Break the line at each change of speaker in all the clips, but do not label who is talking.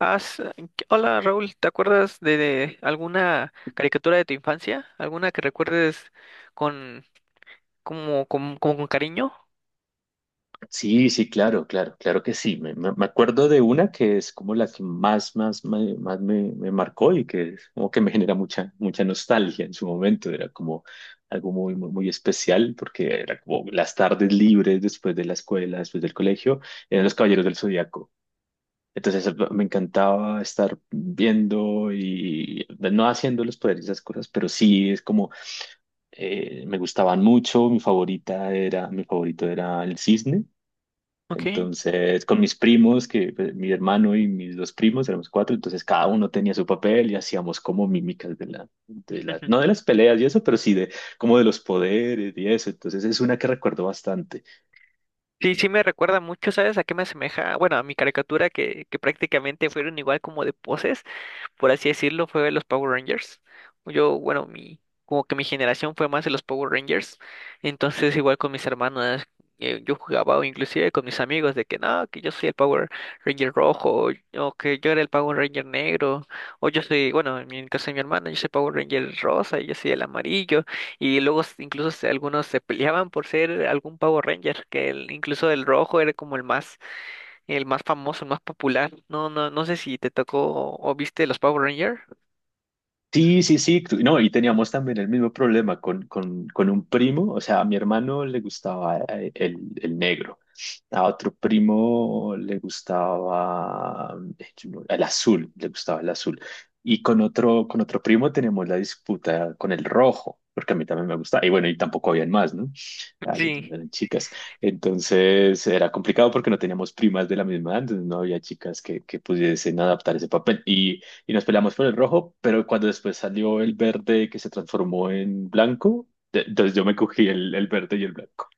Has- Hola Raúl, ¿te acuerdas de alguna caricatura de tu infancia? ¿Alguna que recuerdes con como, como con cariño?
Sí, sí, claro, claro, claro que sí. Me acuerdo de una que es como la que más me marcó y que es como que me genera mucha nostalgia en su momento. Era como algo muy especial porque era como las tardes libres después de la escuela, después del colegio, eran los Caballeros del Zodíaco. Entonces me encantaba estar viendo y no haciendo los poderes y esas cosas, pero sí es como me gustaban mucho. Mi favorito era el cisne
Ok.
entonces, con mis primos, que pues, mi hermano y mis dos primos, éramos cuatro, entonces cada uno tenía su papel y hacíamos como mímicas de la, de la,
Ujú.
no de las peleas y eso, pero sí de como de los poderes y eso. Entonces es una que recuerdo bastante.
Sí, sí me recuerda mucho, ¿sabes? ¿A qué me asemeja? Bueno, a mi caricatura que prácticamente fueron igual como de poses, por así decirlo, fue los Power Rangers. Yo, bueno, como que mi generación fue más de los Power Rangers. Entonces, igual con mis hermanas, yo jugaba o inclusive con mis amigos de que no, que yo soy el Power Ranger rojo, o que yo era el Power Ranger negro, o yo soy, bueno, en el caso de mi hermana, yo soy Power Ranger rosa y yo soy el amarillo. Y luego incluso algunos se peleaban por ser algún Power Ranger, que incluso el rojo era como el más famoso, el más popular. No, no, no sé si te tocó o viste los Power Rangers.
Sí, sí, sí, no, y teníamos también el mismo problema con un primo, o sea, a mi hermano le gustaba el negro, a otro primo le gustaba yo no- el azul, le gustaba el azul, y con otro primo tenemos la disputa con el rojo, porque a mí también me gustaba, y bueno, y tampoco habían más, ¿no? Ah,
Sí.
eran chicas, entonces era complicado porque no teníamos primas de la misma edad, entonces no había chicas que pudiesen adaptar ese papel, y nos peleamos por el rojo, pero cuando después salió el verde que se transformó en blanco, entonces yo me cogí el verde y el blanco.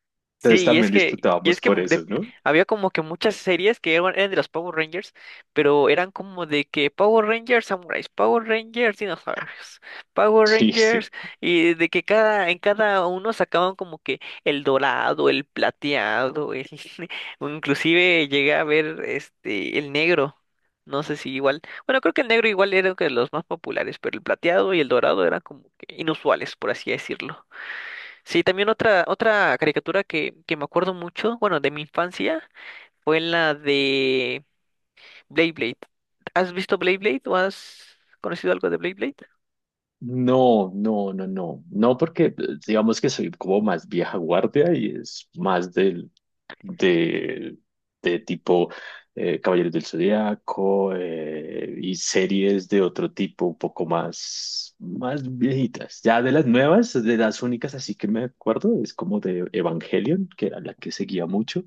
Entonces
Sí, y es
también
que, y
disputábamos
es que
por eso, ¿no?
había como que muchas series que eran de los Power Rangers, pero eran como de que Power Rangers Samurais, Power Rangers Dinosaurios, Power
Sí, sí.
Rangers, y de que cada, en cada uno sacaban como que el dorado, el plateado, el, o inclusive llegué a ver este el negro. No sé si igual, bueno, creo que el negro igual era uno de los más populares, pero el plateado y el dorado eran como que inusuales, por así decirlo. Sí, también otra caricatura que me acuerdo mucho, bueno, de mi infancia, fue la de Blade Blade. ¿Has visto Blade Blade o has conocido algo de Blade Blade?
No, no, no, no. No, porque pues, digamos que soy como más vieja guardia y es más del, de, de tipo Caballeros del Zodiaco y series de otro tipo un poco más, más viejitas. Ya de las nuevas, de las únicas así que me acuerdo, es como de Evangelion, que era la que seguía mucho.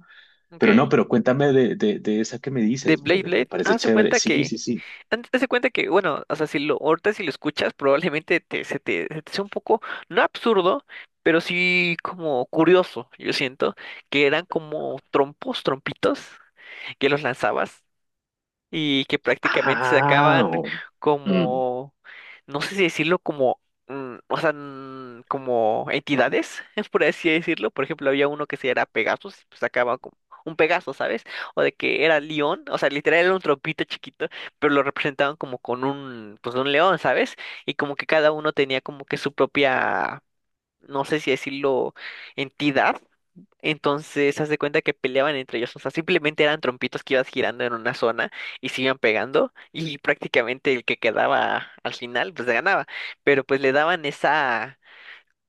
Pero no,
Okay.
pero cuéntame de esa que me
De
dices,
Blade
me
Blade,
parece chévere. Sí, sí, sí.
bueno, o sea, si lo, ahorita si lo escuchas, probablemente se te sea un poco, no absurdo, pero sí como curioso, yo siento, que eran como trompos, trompitos, que los lanzabas y que prácticamente se
Ah,
acaban
oh. Mm.
como, no sé si decirlo como, o sea, como entidades, por así decirlo. Por ejemplo, había uno que se era Pegasus, pues acaba como un Pegaso, ¿sabes? O de que era león, o sea, literal era un trompito chiquito, pero lo representaban como con un, pues un león, ¿sabes? Y como que cada uno tenía como que su propia, no sé si decirlo, entidad. Entonces, haz de cuenta que peleaban entre ellos. O sea, simplemente eran trompitos que ibas girando en una zona y se iban pegando. Y prácticamente el que quedaba al final, pues ganaba. Pero pues le daban esa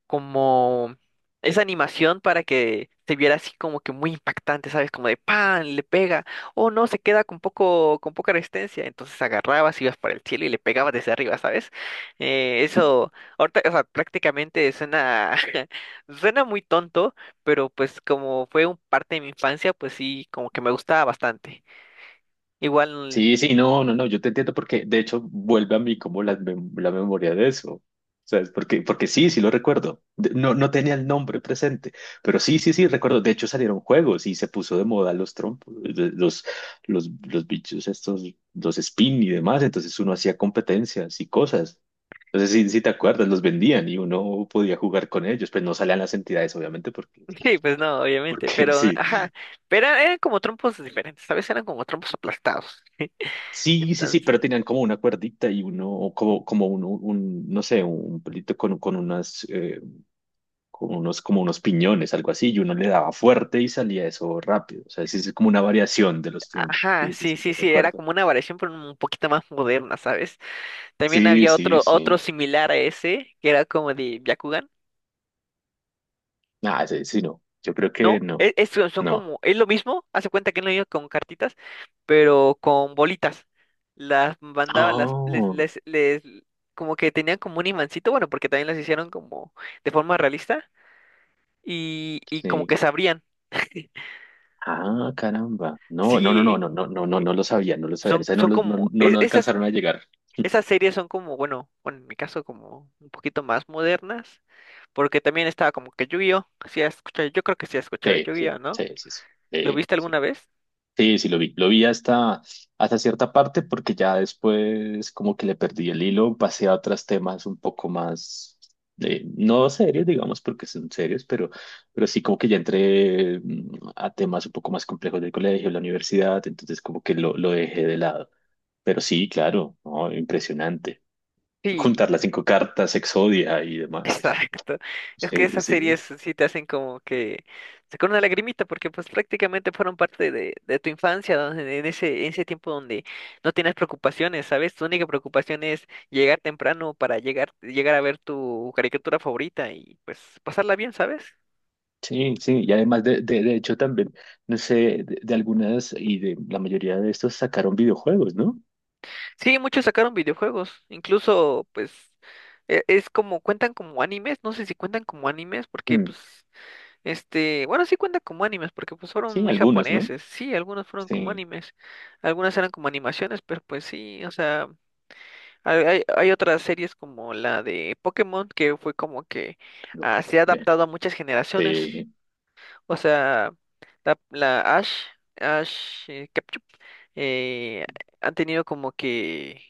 como esa animación para que se viera así como que muy impactante, ¿sabes? Como de pan, le pega, o no, se queda con poco, con poca resistencia, entonces agarrabas, ibas para el cielo y le pegabas desde arriba, ¿sabes? Eso, ahorita, o sea, prácticamente suena, suena muy tonto, pero pues como fue un parte de mi infancia, pues sí, como que me gustaba bastante. Igual,
Sí, sí, no, no, no, yo te entiendo porque de hecho vuelve a mí como la memoria de eso, ¿sabes? Porque, porque sí, sí lo recuerdo. No, no tenía el nombre presente, pero sí, sí, sí, recuerdo, de hecho salieron juegos y se puso de moda los trompos, los bichos estos, los spin y demás, entonces uno hacía competencias y cosas, entonces sí, sí te acuerdas, los vendían y uno podía jugar con ellos, pues no salían las entidades obviamente porque,
sí, pues no, obviamente,
porque
pero,
sí.
ajá, pero eran como trompos diferentes, ¿sabes? Eran como trompos aplastados.
Sí, sí, sí,
Entonces.
pero tenían como una cuerdita y uno, o como, como un, no sé, un pelito con unas, con unos, como unos piñones, algo así, y uno le daba fuerte y salía eso rápido. O sea, sí, sí, es como una variación de los trompos.
Ajá,
Sí, sí,
sí,
sí, lo
sí, sí, era
recuerdo.
como una variación, pero un poquito más moderna, ¿sabes? También
Sí,
había
sí,
otro
sí.
similar a ese, que era como de Byakugan.
Ah, sí, sí, no. Yo creo que
No,
no.
es, son
No.
como, es lo mismo, hace cuenta que no iba con cartitas, pero con bolitas. Las mandaba, las, les,
Oh,
les, les, como que tenían como un imancito, bueno, porque también las hicieron como de forma realista, y como que
sí.
se abrían.
Ah, caramba. No, no, no, no, no,
Sí,
no, no, no,
eh,
no lo sabía, no lo sabía.
son,
Esa no,
son
no,
como,
no,
e-
no
esas
alcanzaron a llegar.
Esas series son como, bueno, bueno, en mi caso como un poquito más modernas, porque también estaba como que Yu-Gi-Oh! Sí, yo creo que sí has escuchado de
Sí, sí,
Yu-Gi-Oh!, ¿no?
sí, sí, sí.
¿Lo
Sí,
viste
sí.
alguna vez?
Sí, sí, lo vi. Lo vi hasta, hasta cierta parte porque ya después como que le perdí el hilo, pasé a otros temas un poco más, no serios, digamos, porque son serios, pero sí como que ya entré a temas un poco más complejos del colegio, la universidad, entonces como que lo dejé de lado. Pero sí, claro, ¿no? Impresionante.
Sí,
Juntar las cinco cartas, Exodia y demás. O sea,
exacto. Es que
sí,
esas series
sí.
sí te hacen como que sacar una lagrimita, porque pues prácticamente fueron parte de, tu infancia, donde- en ese tiempo donde no tienes preocupaciones, ¿sabes? Tu única preocupación es llegar temprano para llegar a ver tu caricatura favorita y pues pasarla bien, ¿sabes?
Sí, sí, y además de hecho también, no sé, de algunas y de la mayoría de estos sacaron videojuegos, ¿no?
Sí, muchos sacaron videojuegos, incluso pues es como cuentan como animes, no sé si cuentan como animes porque
Mm,
pues bueno, sí cuentan como animes porque pues fueron
sí,
muy
algunos, ¿no?
japoneses. Sí, algunos fueron como
Sí,
animes, algunas eran como animaciones, pero pues sí, o sea, hay, hay hay otras series como la de Pokémon que fue como que
loco.
ah, se ha
Eh,
adaptado a muchas generaciones.
Sí,
O sea, la, la Ash, Ash Ketchum, eh, ha tenido como que,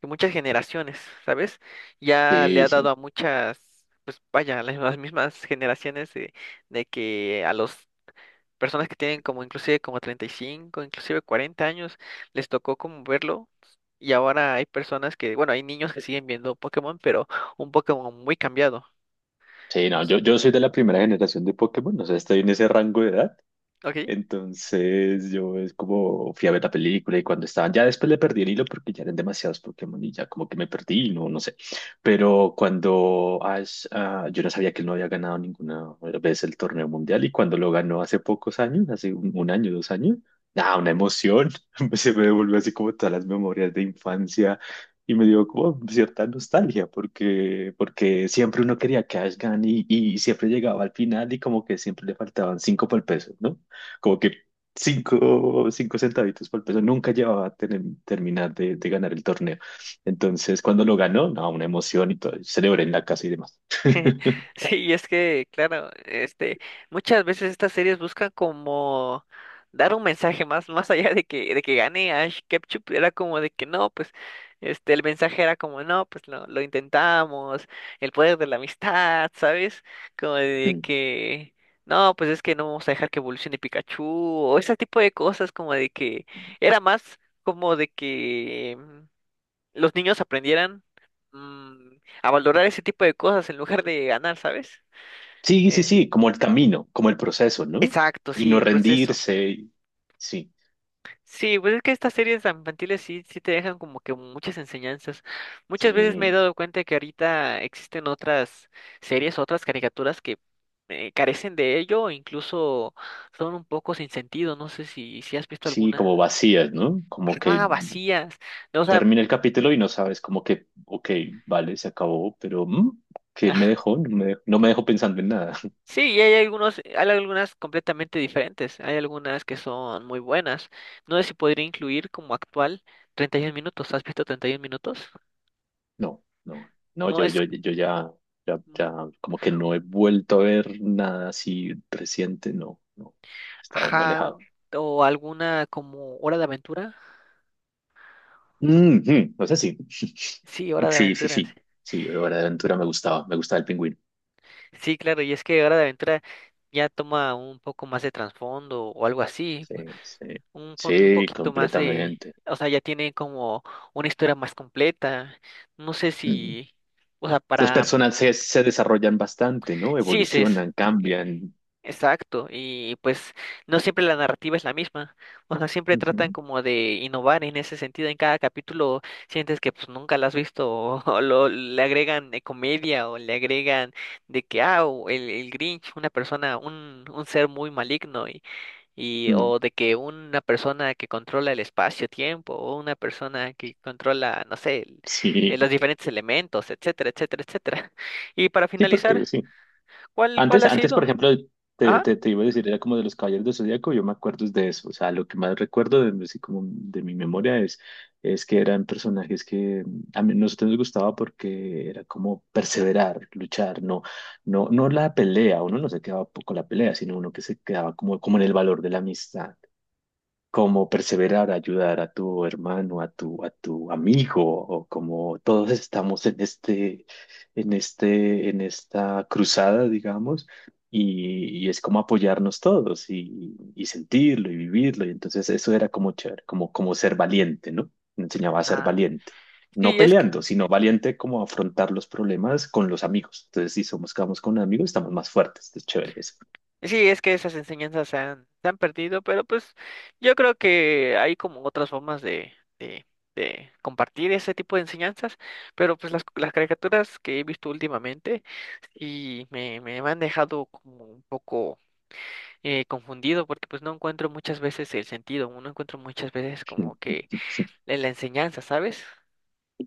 que muchas generaciones, ¿sabes? Ya le
sí,
ha
sí.
dado a muchas, pues vaya, las mismas generaciones de que a los personas que tienen como inclusive como 35 inclusive 40 años, les tocó como verlo. Y ahora hay personas que, bueno, hay niños que siguen viendo Pokémon, pero un Pokémon muy cambiado,
Sí, no, yo soy de la primera generación de Pokémon, o sea, estoy en ese rango de edad.
¿ok?
Entonces yo es como fui a ver la película y cuando estaban, ya después le perdí el hilo porque ya eran demasiados Pokémon y ya como que me perdí, y no, no sé. Pero cuando Ash, ah, yo no sabía que él no había ganado ninguna vez el torneo mundial y cuando lo ganó hace pocos años, hace un año, dos años, nada, una emoción, se me devolvió así como todas las memorias de infancia y me dio como cierta nostalgia porque, porque siempre uno quería que Ash gane y siempre llegaba al final y como que siempre le faltaban cinco por el peso, ¿no? Como que cinco, cinco centavitos por peso. Nunca llevaba a terminar de ganar el torneo. Entonces, cuando lo ganó, no, una emoción y todo. Celebré en la casa y demás.
Sí, y es que, claro, muchas veces estas series buscan como dar un mensaje más allá de que gane Ash Ketchum, era como de que no, pues, el mensaje era como, no, pues lo intentamos, el poder de la amistad, ¿sabes? Como de
Mm.
que, no, pues es que no vamos a dejar que evolucione Pikachu, o ese tipo de cosas, como de que, era más como de que los niños aprendieran mm, a valorar ese tipo de cosas en lugar de ganar, ¿sabes?
Sí, sí,
Eh,
sí, como el camino, como el proceso, ¿no?
exacto,
Y
sí,
no
el proceso.
rendirse, sí,
Sí, pues es que estas series tan infantiles sí, sí te dejan como que muchas enseñanzas. Muchas veces me he
sí,
dado cuenta que ahorita existen otras series, otras caricaturas que carecen de ello o incluso son un poco sin sentido. No sé si has visto
sí,
alguna.
como vacías, ¿no? Como que
Ah, vacías. No, o sea,
termina el capítulo y no sabes como que, ok, vale, se acabó, pero ¿qué me dejó? No me dejó, no me dejó pensando en nada.
Sí, y hay algunos, hay algunas completamente diferentes, hay algunas que son muy buenas. No sé si podría incluir como actual 31 minutos, ¿has visto 31 minutos?
No, no, no,
No
yo,
es,
yo, yo ya, ya,
mm,
ya, como que no he vuelto a ver nada así reciente, no, no, he estado muy
ajá,
alejado.
o alguna como Hora de Aventura.
Ujú, o sea, sí,
Sí, Hora de
sí, sí,
Aventura. Sí,
sí, sí, Hora de Aventura me gustaba el pingüino,
Sí, claro, y es que Hora de Aventura ya toma un poco más de trasfondo o algo así,
sí, sí,
un, un
sí,
poquito más de,
completamente.
o sea, ya tiene como una historia más completa. No sé
Ujú.
si, o sea,
Los
para.
personajes se desarrollan bastante, ¿no?
Sí, sí es.
Evolucionan, cambian.
Exacto, y pues no siempre la narrativa es la misma, o sea, siempre tratan
Ujú,
como de innovar en ese sentido, en cada capítulo sientes que pues nunca la has visto, o lo, le agregan comedia, o le agregan de que, ah, o el Grinch, una persona, un ser muy maligno,
mm,
o de que una persona que controla el espacio-tiempo, o una persona que controla, no sé, el-
sí,
los diferentes elementos, etcétera, etcétera, etcétera. Y para
sí, porque
finalizar,
sí.
¿cuál
Antes,
ha
antes, por
sido?
ejemplo, te,
Ajá.
te, te iba a decir, era como de los Caballeros del Zodíaco, yo me acuerdo es de eso, o sea, lo que más recuerdo de, así como de mi memoria es que eran personajes que a mí, nosotros nos gustaba porque era como perseverar, luchar, no, no, no la pelea, uno no se quedaba con la pelea, sino uno que se quedaba como, como en el valor de la amistad, como perseverar, ayudar a tu hermano, a tu amigo, o como todos estamos en en esta cruzada, digamos, y es como apoyarnos todos y sentirlo y vivirlo. Y entonces eso era como chévere, como, como ser valiente, ¿no? Me enseñaba a ser
Ah.
valiente. No
Sí, es que,
peleando, sino valiente como afrontar los problemas con los amigos. Entonces, si somos, quedamos con amigos, estamos más fuertes. Es chévere eso.
sí, es que esas enseñanzas se han perdido, pero pues yo creo que hay como otras formas de, de compartir ese tipo de enseñanzas, pero pues las caricaturas que he visto últimamente y me han dejado como un poco confundido porque pues no encuentro muchas veces el sentido, no encuentro muchas veces como que la enseñanza, ¿sabes?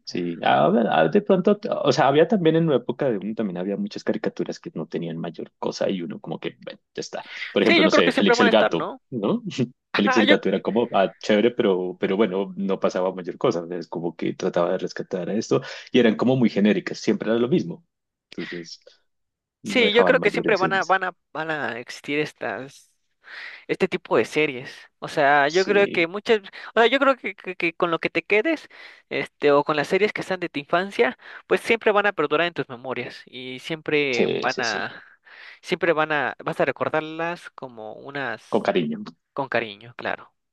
Sí, a ver, de pronto, o sea, había también en una época de uno también había muchas caricaturas que no tenían mayor cosa y uno como que, bueno, ya está. Por
Sí,
ejemplo,
yo
no
creo
sé,
que siempre
Félix
van a
el
estar,
Gato,
¿no?
¿no? Félix
Ajá,
el
yo,
Gato era como, ah, chévere, pero bueno, no pasaba mayor cosa. Es como que trataba de rescatar a esto y eran como muy genéricas, siempre era lo mismo. Entonces, no
sí, yo
dejaban
creo que
mayor
siempre van a,
enseñanza.
existir estas. Este tipo de series. O sea, yo creo
Sí,
que muchas, o sea, yo creo que con lo que te quedes, este, o con las series que están de tu infancia, pues siempre van a perdurar en tus memorias y siempre
sí,
van
sí, sí,
a, vas a recordarlas como
con
unas,
cariño.
con cariño, claro.